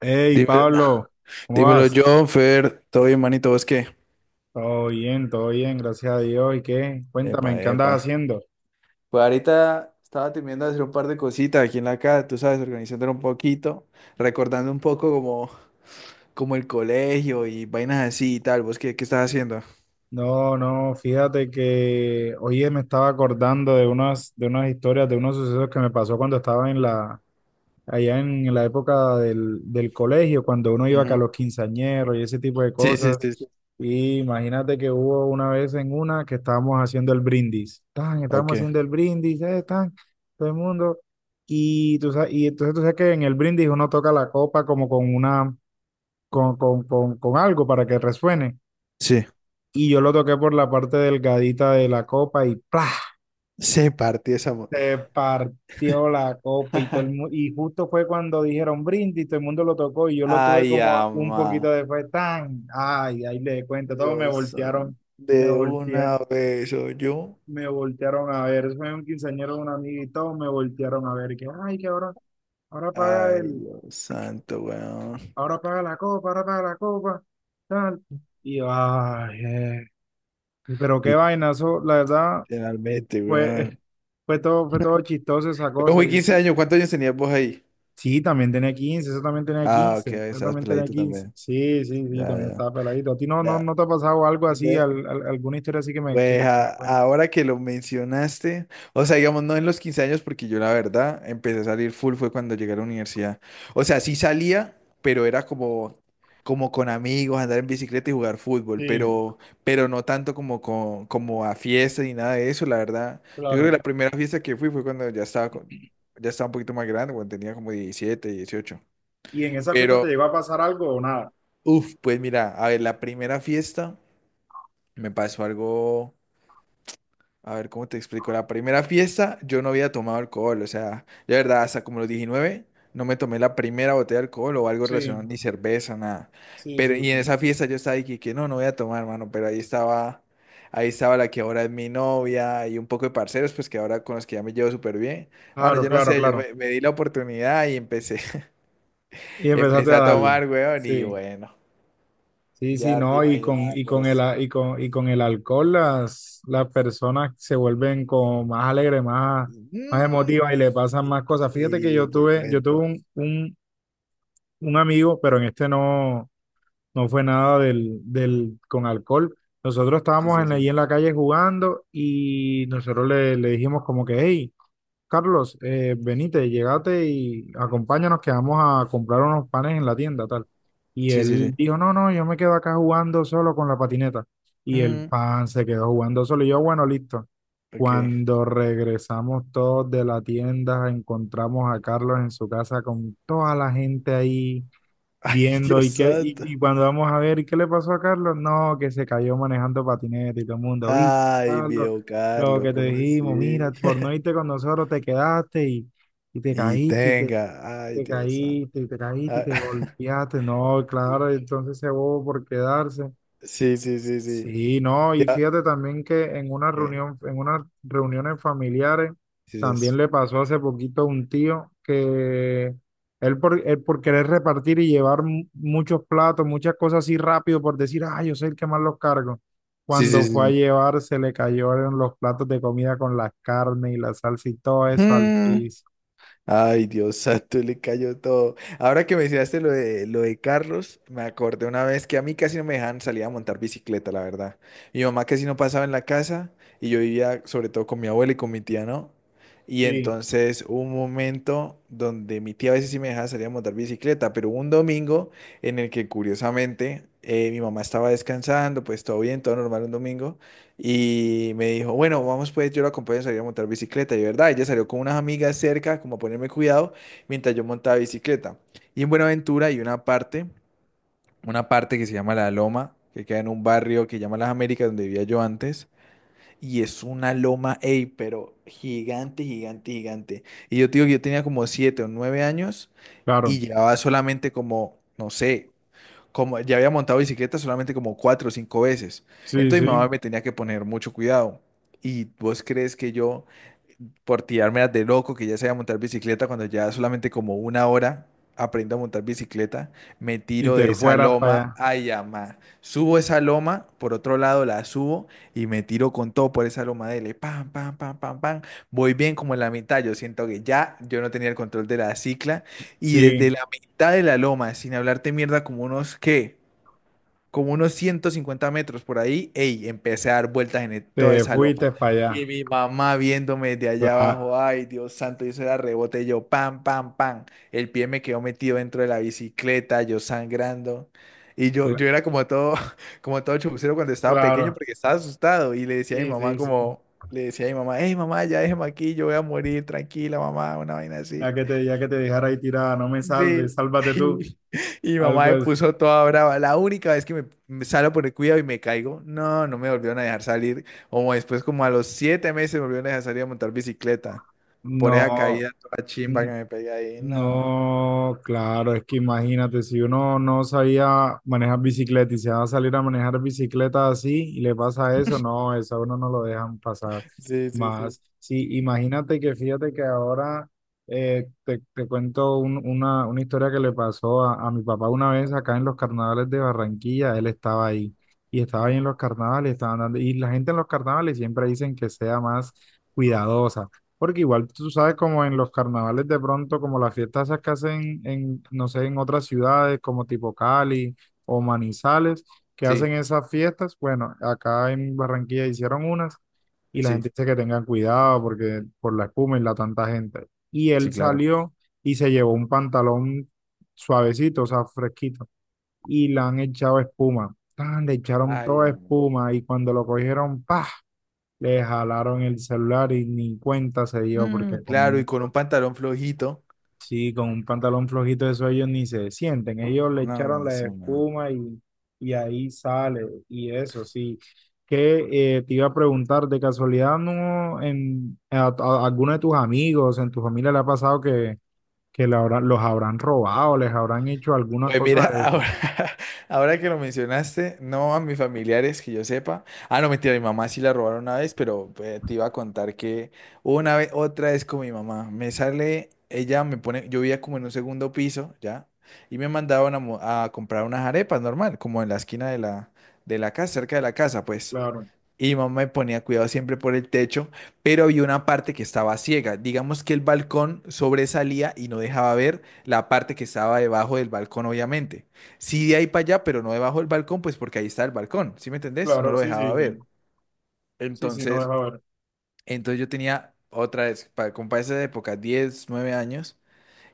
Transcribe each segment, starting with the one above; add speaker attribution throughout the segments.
Speaker 1: Hey,
Speaker 2: Dime-
Speaker 1: Pablo, ¿cómo
Speaker 2: dímelo,
Speaker 1: vas?
Speaker 2: John, Fer, todo bien, manito, ¿vos qué?
Speaker 1: Todo bien, gracias a Dios. ¿Y qué?
Speaker 2: Epa,
Speaker 1: Cuéntame, ¿qué andas
Speaker 2: epa.
Speaker 1: haciendo?
Speaker 2: Pues ahorita estaba terminando de hacer un par de cositas aquí en la casa, tú sabes, organizándolo un poquito, recordando un poco como el colegio y vainas así y tal. ¿Vos qué estás haciendo?
Speaker 1: No, no, fíjate que hoy me estaba acordando de unas historias, de unos sucesos que me pasó cuando estaba allá en la época del colegio, cuando uno iba acá a
Speaker 2: Ujú.
Speaker 1: los quinceañeros y ese tipo de
Speaker 2: Sí, sí,
Speaker 1: cosas.
Speaker 2: sí, sí.
Speaker 1: Y imagínate que hubo una vez en una que estábamos haciendo el brindis. Tan, estábamos
Speaker 2: Ok.
Speaker 1: haciendo el brindis, tan, todo el mundo. Y, tú sabes, y entonces tú sabes que en el brindis uno toca la copa como con una, con algo para que resuene.
Speaker 2: Sí.
Speaker 1: Y yo lo toqué por la parte delgadita de la copa y ¡plá!
Speaker 2: Se partió esa.
Speaker 1: Se partió la copa y y justo fue cuando dijeron brindis, todo el mundo lo tocó y yo lo tuve
Speaker 2: Ay,
Speaker 1: como un poquito
Speaker 2: ama.
Speaker 1: después, tan, ay, ahí le cuento, todos me
Speaker 2: Dios santo.
Speaker 1: voltearon, me
Speaker 2: De
Speaker 1: voltea,
Speaker 2: una vez soy yo.
Speaker 1: me voltearon a ver, fue un quinceañero de un amigo y todos me voltearon a ver, que ay, que ahora paga
Speaker 2: Ay,
Speaker 1: el,
Speaker 2: Dios santo, weón.
Speaker 1: ahora paga la copa, ahora paga la copa, tal, y yo, ay, pero qué vainazo, la verdad,
Speaker 2: Literalmente,
Speaker 1: fue,
Speaker 2: weón.
Speaker 1: fue todo chistoso esa
Speaker 2: Pero
Speaker 1: cosa,
Speaker 2: fui
Speaker 1: yo
Speaker 2: 15 años, ¿cuántos años tenías vos ahí?
Speaker 1: Sí, también tenía 15
Speaker 2: Ah, ok, estabas peladito también.
Speaker 1: Sí, sí, sí,
Speaker 2: Ya,
Speaker 1: también
Speaker 2: ya.
Speaker 1: estaba peladito. ¿A ti
Speaker 2: Ya.
Speaker 1: no te ha pasado algo así,
Speaker 2: De-
Speaker 1: alguna historia así que
Speaker 2: pues
Speaker 1: que me
Speaker 2: a-
Speaker 1: cuentes?
Speaker 2: ahora que lo mencionaste, o sea, digamos, no en los 15 años, porque yo la verdad empecé a salir full fue cuando llegué a la universidad. O sea, sí salía, pero era como con amigos, andar en bicicleta y jugar fútbol,
Speaker 1: Sí,
Speaker 2: pero no tanto como, como a fiestas ni nada de eso, la verdad. Yo creo que
Speaker 1: claro.
Speaker 2: la primera fiesta que fui fue cuando ya estaba, ya estaba un poquito más grande, cuando tenía como 17, dieciocho.
Speaker 1: ¿Y en esas fiestas te
Speaker 2: Pero,
Speaker 1: llegó a pasar algo o nada?
Speaker 2: uf, pues mira, a ver, la primera fiesta me pasó algo, a ver, ¿cómo te explico? La primera fiesta yo no había tomado alcohol, o sea, de verdad, hasta como los 19 no me tomé la primera botella de alcohol o algo
Speaker 1: Sí,
Speaker 2: relacionado, ni cerveza, nada.
Speaker 1: sí,
Speaker 2: Pero,
Speaker 1: sí,
Speaker 2: y en
Speaker 1: sí.
Speaker 2: esa fiesta yo estaba ahí que no, no voy a tomar, hermano, pero ahí estaba la que ahora es mi novia y un poco de parceros, pues que ahora con los que ya me llevo súper bien. Bueno,
Speaker 1: Claro,
Speaker 2: yo no
Speaker 1: claro,
Speaker 2: sé, yo
Speaker 1: claro.
Speaker 2: me, me di la oportunidad y empecé,
Speaker 1: Y empezaste a
Speaker 2: empecé a
Speaker 1: darle.
Speaker 2: tomar, weón, y
Speaker 1: Sí,
Speaker 2: bueno,
Speaker 1: sí, sí,
Speaker 2: ya te
Speaker 1: no,
Speaker 2: imaginas vos.
Speaker 1: y con el alcohol las personas se vuelven como más alegres, más
Speaker 2: Mm,
Speaker 1: emotivas y le pasan más cosas. Fíjate que
Speaker 2: y te
Speaker 1: yo tuve
Speaker 2: cuento.
Speaker 1: un amigo, pero en este no fue nada con alcohol. Nosotros
Speaker 2: Sí,
Speaker 1: estábamos
Speaker 2: sí,
Speaker 1: ahí
Speaker 2: sí.
Speaker 1: en la calle jugando y nosotros le dijimos como que, hey, Carlos, venite, llegate y acompáñanos que vamos a comprar unos panes en la tienda, tal. Y
Speaker 2: Sí, sí,
Speaker 1: él
Speaker 2: sí.
Speaker 1: dijo, no, no, yo me quedo acá jugando solo con la patineta. Y el
Speaker 2: Mm,
Speaker 1: pan se quedó jugando solo. Y yo, bueno, listo.
Speaker 2: ok.
Speaker 1: Cuando regresamos todos de la tienda, encontramos a Carlos en su casa con toda la gente ahí
Speaker 2: Ay,
Speaker 1: viendo
Speaker 2: Dios santo.
Speaker 1: y cuando vamos a ver, ¿y qué le pasó a Carlos? No, que se cayó manejando patineta y todo el mundo, y
Speaker 2: Ay,
Speaker 1: Carlos,
Speaker 2: viejo
Speaker 1: lo
Speaker 2: Carlos,
Speaker 1: que te
Speaker 2: ¿cómo
Speaker 1: dijimos, mira,
Speaker 2: así?
Speaker 1: por no irte con nosotros te quedaste y te
Speaker 2: Y
Speaker 1: caíste y que
Speaker 2: tenga. Ay,
Speaker 1: te
Speaker 2: Dios santo.
Speaker 1: caíste y te caíste y
Speaker 2: Ah,
Speaker 1: te golpeaste, no, claro, entonces se bobo por quedarse.
Speaker 2: sí, sí, sí, sí.
Speaker 1: Sí, no, y
Speaker 2: Ya.
Speaker 1: fíjate también que en una
Speaker 2: ¿Qué?
Speaker 1: reunión, en unas reuniones familiares,
Speaker 2: Sí, sí, eso.
Speaker 1: también le pasó hace poquito a un tío que él por querer repartir y llevar muchos platos, muchas cosas así rápido, por decir, ah, yo soy el que más los cargo.
Speaker 2: Sí, sí,
Speaker 1: Cuando
Speaker 2: sí,
Speaker 1: fue a
Speaker 2: sí.
Speaker 1: llevar, se le cayeron los platos de comida con las carnes y la salsa y todo eso al
Speaker 2: Mm.
Speaker 1: piso.
Speaker 2: Ay, Dios santo, le cayó todo. Ahora que mencionaste lo de Carlos, me acordé una vez que a mí casi no me dejaban salir a montar bicicleta, la verdad. Mi mamá casi no pasaba en la casa y yo vivía sobre todo con mi abuela y con mi tía, ¿no? Y
Speaker 1: Sí.
Speaker 2: entonces hubo un momento donde mi tía a veces sí me dejaba salir a montar bicicleta, pero hubo un domingo en el que curiosamente mi mamá estaba descansando, pues todo bien, todo normal un domingo, y me dijo, bueno, vamos pues, yo la acompañé a salir a montar bicicleta. Y verdad, ella salió con unas amigas cerca, como a ponerme cuidado, mientras yo montaba bicicleta. Y en Buenaventura hay una parte que se llama La Loma, que queda en un barrio que llama Las Américas, donde vivía yo antes. Y es una loma, ey, pero gigante, gigante, gigante. Y yo te digo que yo tenía como 7 o 9 años y
Speaker 1: Claro,
Speaker 2: llevaba solamente como, no sé, como ya había montado bicicleta solamente como cuatro o cinco veces.
Speaker 1: sí,
Speaker 2: Entonces mi
Speaker 1: sí.
Speaker 2: mamá me tenía que poner mucho cuidado. ¿Y vos crees que yo, por tirarme de loco, que ya sabía montar bicicleta, cuando ya solamente como una hora aprendo a montar bicicleta, me
Speaker 1: Y
Speaker 2: tiro
Speaker 1: te
Speaker 2: de esa
Speaker 1: fueras para
Speaker 2: loma,
Speaker 1: allá.
Speaker 2: ay, ama. Subo esa loma, por otro lado la subo y me tiro con todo por esa loma dele, pam, pam, pam, pam, pam. Voy bien como en la mitad, yo siento que ya yo no tenía el control de la cicla y desde
Speaker 1: Sí,
Speaker 2: la mitad de la loma, sin hablarte mierda, como unos, ¿qué? Como unos 150 metros por ahí, ey, empecé a dar vueltas en toda
Speaker 1: te
Speaker 2: esa loma.
Speaker 1: fuiste para allá.
Speaker 2: Y mi mamá viéndome de allá
Speaker 1: Cla-
Speaker 2: abajo, ay, Dios santo, y eso era rebote, y yo, pam, pam, pam. El pie me quedó metido dentro de la bicicleta, yo sangrando. Y yo,
Speaker 1: cla-
Speaker 2: yo era como todo, como todo chupucero cuando estaba pequeño
Speaker 1: Claro.
Speaker 2: porque estaba asustado. Y
Speaker 1: Sí, sí, sí.
Speaker 2: le decía a mi mamá, hey mamá, ya déjeme aquí, yo voy a morir, tranquila mamá, una vaina así.
Speaker 1: Ya que te dejara ahí tirada, no me salves,
Speaker 2: Sí.
Speaker 1: sálvate tú.
Speaker 2: Y, y mamá
Speaker 1: Algo
Speaker 2: me
Speaker 1: así.
Speaker 2: puso toda brava. La única vez que me salgo por el cuidado y me caigo, no, no me volvieron a dejar salir. Como después, como a los 7 meses, me volvieron a dejar salir a montar bicicleta. Por esa
Speaker 1: No.
Speaker 2: caída toda chimba
Speaker 1: Mm.
Speaker 2: que me pegué ahí. No.
Speaker 1: No, claro, es que imagínate, si uno no sabía manejar bicicleta y se va a salir a manejar bicicleta así y le pasa eso, no, eso a uno no lo dejan pasar
Speaker 2: Sí, sí, sí.
Speaker 1: más. Sí, imagínate que fíjate que ahora te cuento una historia que le pasó a mi papá una vez acá en los carnavales de Barranquilla, él estaba ahí y estaba
Speaker 2: Ujú.
Speaker 1: ahí en los carnavales, estaban dando, y la gente en los carnavales siempre dicen que sea más cuidadosa. Porque igual tú sabes como en los carnavales de pronto, como las fiestas esas que hacen en, no sé, en otras ciudades como tipo Cali o Manizales, que
Speaker 2: Sí,
Speaker 1: hacen esas fiestas. Bueno, acá en Barranquilla hicieron unas y la
Speaker 2: sí,
Speaker 1: gente dice que tengan cuidado porque por la espuma y la tanta gente. Y
Speaker 2: sí,
Speaker 1: él
Speaker 2: claro.
Speaker 1: salió y se llevó un pantalón suavecito, o sea, fresquito, y le han echado espuma. Tan, le echaron
Speaker 2: Ay,
Speaker 1: toda
Speaker 2: amo.
Speaker 1: espuma y cuando lo cogieron, ¡pah! Le jalaron el celular y ni cuenta se dio
Speaker 2: Mm,
Speaker 1: porque
Speaker 2: claro, y con un pantalón flojito.
Speaker 1: sí, con un pantalón flojito eso ellos ni se sienten. Ellos le echaron
Speaker 2: No,
Speaker 1: la
Speaker 2: eso no.
Speaker 1: espuma y ahí sale y eso sí. Que te iba a preguntar, de casualidad, ¿no en alguno de tus amigos, en tu familia le ha pasado que le los habrán robado, les habrán hecho alguna
Speaker 2: Pues mira,
Speaker 1: cosa de eso?
Speaker 2: ahora, ahora que lo mencionaste, no a mis familiares que yo sepa. Ah, no, mentira, mi mamá sí la robaron una vez, pero te iba a contar que una vez, otra vez con mi mamá, me sale, ella me pone, yo vivía como en un segundo piso, ¿ya? Y me mandaban a, a comprar unas arepas normal, como en la esquina de de la casa, cerca de la casa, pues.
Speaker 1: Claro,
Speaker 2: Y mi mamá me ponía cuidado siempre por el techo, pero había una parte que estaba ciega. Digamos que el balcón sobresalía y no dejaba ver la parte que estaba debajo del balcón, obviamente. Sí, de ahí para allá, pero no debajo del balcón, pues porque ahí está el balcón, ¿sí me entendés? No
Speaker 1: claro,
Speaker 2: lo
Speaker 1: sí,
Speaker 2: dejaba
Speaker 1: sí, sí,
Speaker 2: ver.
Speaker 1: sí, sí, no
Speaker 2: Entonces,
Speaker 1: deja ver.
Speaker 2: entonces yo tenía otra vez, para, como para esa época, 10, 9 años,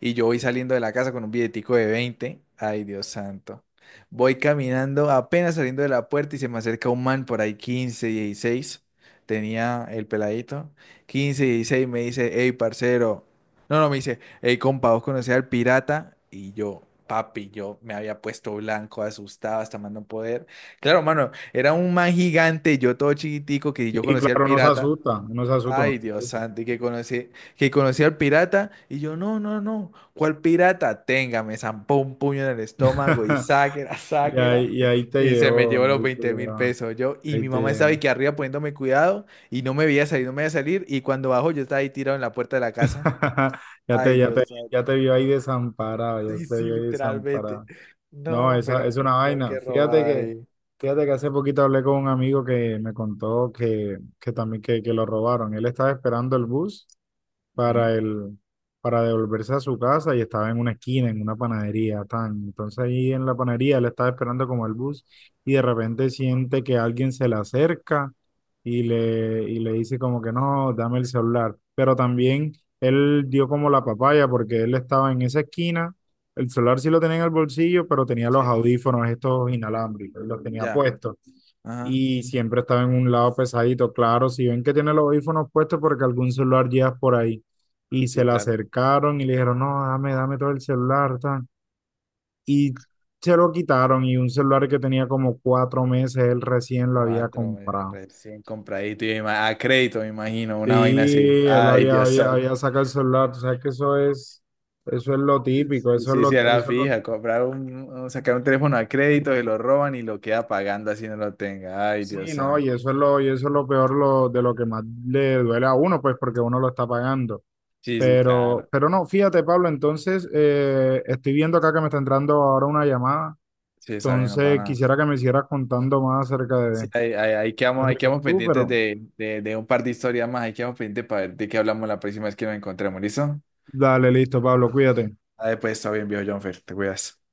Speaker 2: y yo voy saliendo de la casa con un billetico de veinte. Ay, Dios santo. Voy caminando, apenas saliendo de la puerta y se me acerca un man por ahí, 15, 16. Tenía el peladito. 15, 16, me dice, hey, parcero. No, no, me dice, hey, compa, ¿vos conocés al pirata? Y yo, papi, yo me había puesto blanco, asustado, hasta más no poder. Claro, mano, era un man gigante, yo todo chiquitico, que yo
Speaker 1: Y
Speaker 2: conocía al
Speaker 1: claro, no se
Speaker 2: pirata.
Speaker 1: asusta, no se asusta. No
Speaker 2: Ay, Dios
Speaker 1: se
Speaker 2: santo, que conocí al pirata, y yo, no, no, no, ¿cuál pirata? Tenga, me zampó un puño en el
Speaker 1: asusta.
Speaker 2: estómago y sáquela, sáquela,
Speaker 1: Y ahí te
Speaker 2: y se me
Speaker 1: llevó,
Speaker 2: llevó los
Speaker 1: ahí te
Speaker 2: veinte mil
Speaker 1: llevó,
Speaker 2: pesos. Yo, y
Speaker 1: ahí
Speaker 2: mi
Speaker 1: te
Speaker 2: mamá estaba
Speaker 1: llevó.
Speaker 2: aquí arriba poniéndome cuidado, y no me veía salir, y cuando bajo yo estaba ahí tirado en la puerta de la casa.
Speaker 1: Ya te,
Speaker 2: Ay,
Speaker 1: ya
Speaker 2: Dios
Speaker 1: te, ya
Speaker 2: santo,
Speaker 1: te vio ahí desamparado, ya
Speaker 2: sí,
Speaker 1: te
Speaker 2: sí,
Speaker 1: vio ahí
Speaker 2: literalmente.
Speaker 1: desamparado. No,
Speaker 2: No,
Speaker 1: esa es
Speaker 2: pero,
Speaker 1: una
Speaker 2: tío,
Speaker 1: vaina.
Speaker 2: qué robada ahí.
Speaker 1: Fíjate que hace poquito hablé con un amigo que me contó que lo robaron. Él estaba esperando el bus para
Speaker 2: Ujú,
Speaker 1: el, para devolverse a su casa y estaba en una esquina, en una panadería, tan. Entonces ahí en la panadería él estaba esperando como el bus y de repente siente que alguien se le acerca y le dice como que no, dame el celular. Pero también él dio como la papaya porque él estaba en esa esquina, el celular sí lo tenía en el bolsillo, pero tenía los
Speaker 2: sí,
Speaker 1: audífonos estos inalámbricos, los tenía
Speaker 2: ya,
Speaker 1: puestos
Speaker 2: ajá,
Speaker 1: y siempre estaba en un lado pesadito. Claro, si ven que tiene los audífonos puestos porque algún celular llevas por ahí y se
Speaker 2: sí,
Speaker 1: le
Speaker 2: claro.
Speaker 1: acercaron y le dijeron, no, dame, dame todo el celular, tan. Y se lo quitaron y un celular que tenía como cuatro meses, él recién lo había
Speaker 2: Cuatro meses
Speaker 1: comprado.
Speaker 2: recién compradito y a crédito, me imagino, una vaina así.
Speaker 1: Sí, él
Speaker 2: Ay, Dios santo.
Speaker 1: había sacado el celular, tú sabes que eso es lo típico,
Speaker 2: Sí, sí, sí, era fija, comprar un, sacar un teléfono a crédito, se lo roban y lo queda pagando así no lo tenga. Ay,
Speaker 1: sí,
Speaker 2: Dios
Speaker 1: no,
Speaker 2: santo.
Speaker 1: y eso es lo peor lo, de lo que más le duele a uno, pues porque uno lo está pagando.
Speaker 2: Sí, sí, claro.
Speaker 1: Pero no, fíjate, Pablo, entonces estoy viendo acá que me está entrando ahora una llamada.
Speaker 2: Sí, esa vaina no para
Speaker 1: Entonces,
Speaker 2: nada.
Speaker 1: quisiera que me siguieras contando más
Speaker 2: Sí, ahí quedamos, ahí
Speaker 1: acerca de
Speaker 2: quedamos
Speaker 1: tú,
Speaker 2: pendientes
Speaker 1: pero
Speaker 2: de un par de historias más. Ahí quedamos pendientes para ver de qué hablamos la próxima vez que nos encontremos, ¿listo?
Speaker 1: dale, listo, Pablo, cuídate.
Speaker 2: Ah, pues, está bien, viejo Jonfer, te cuidas.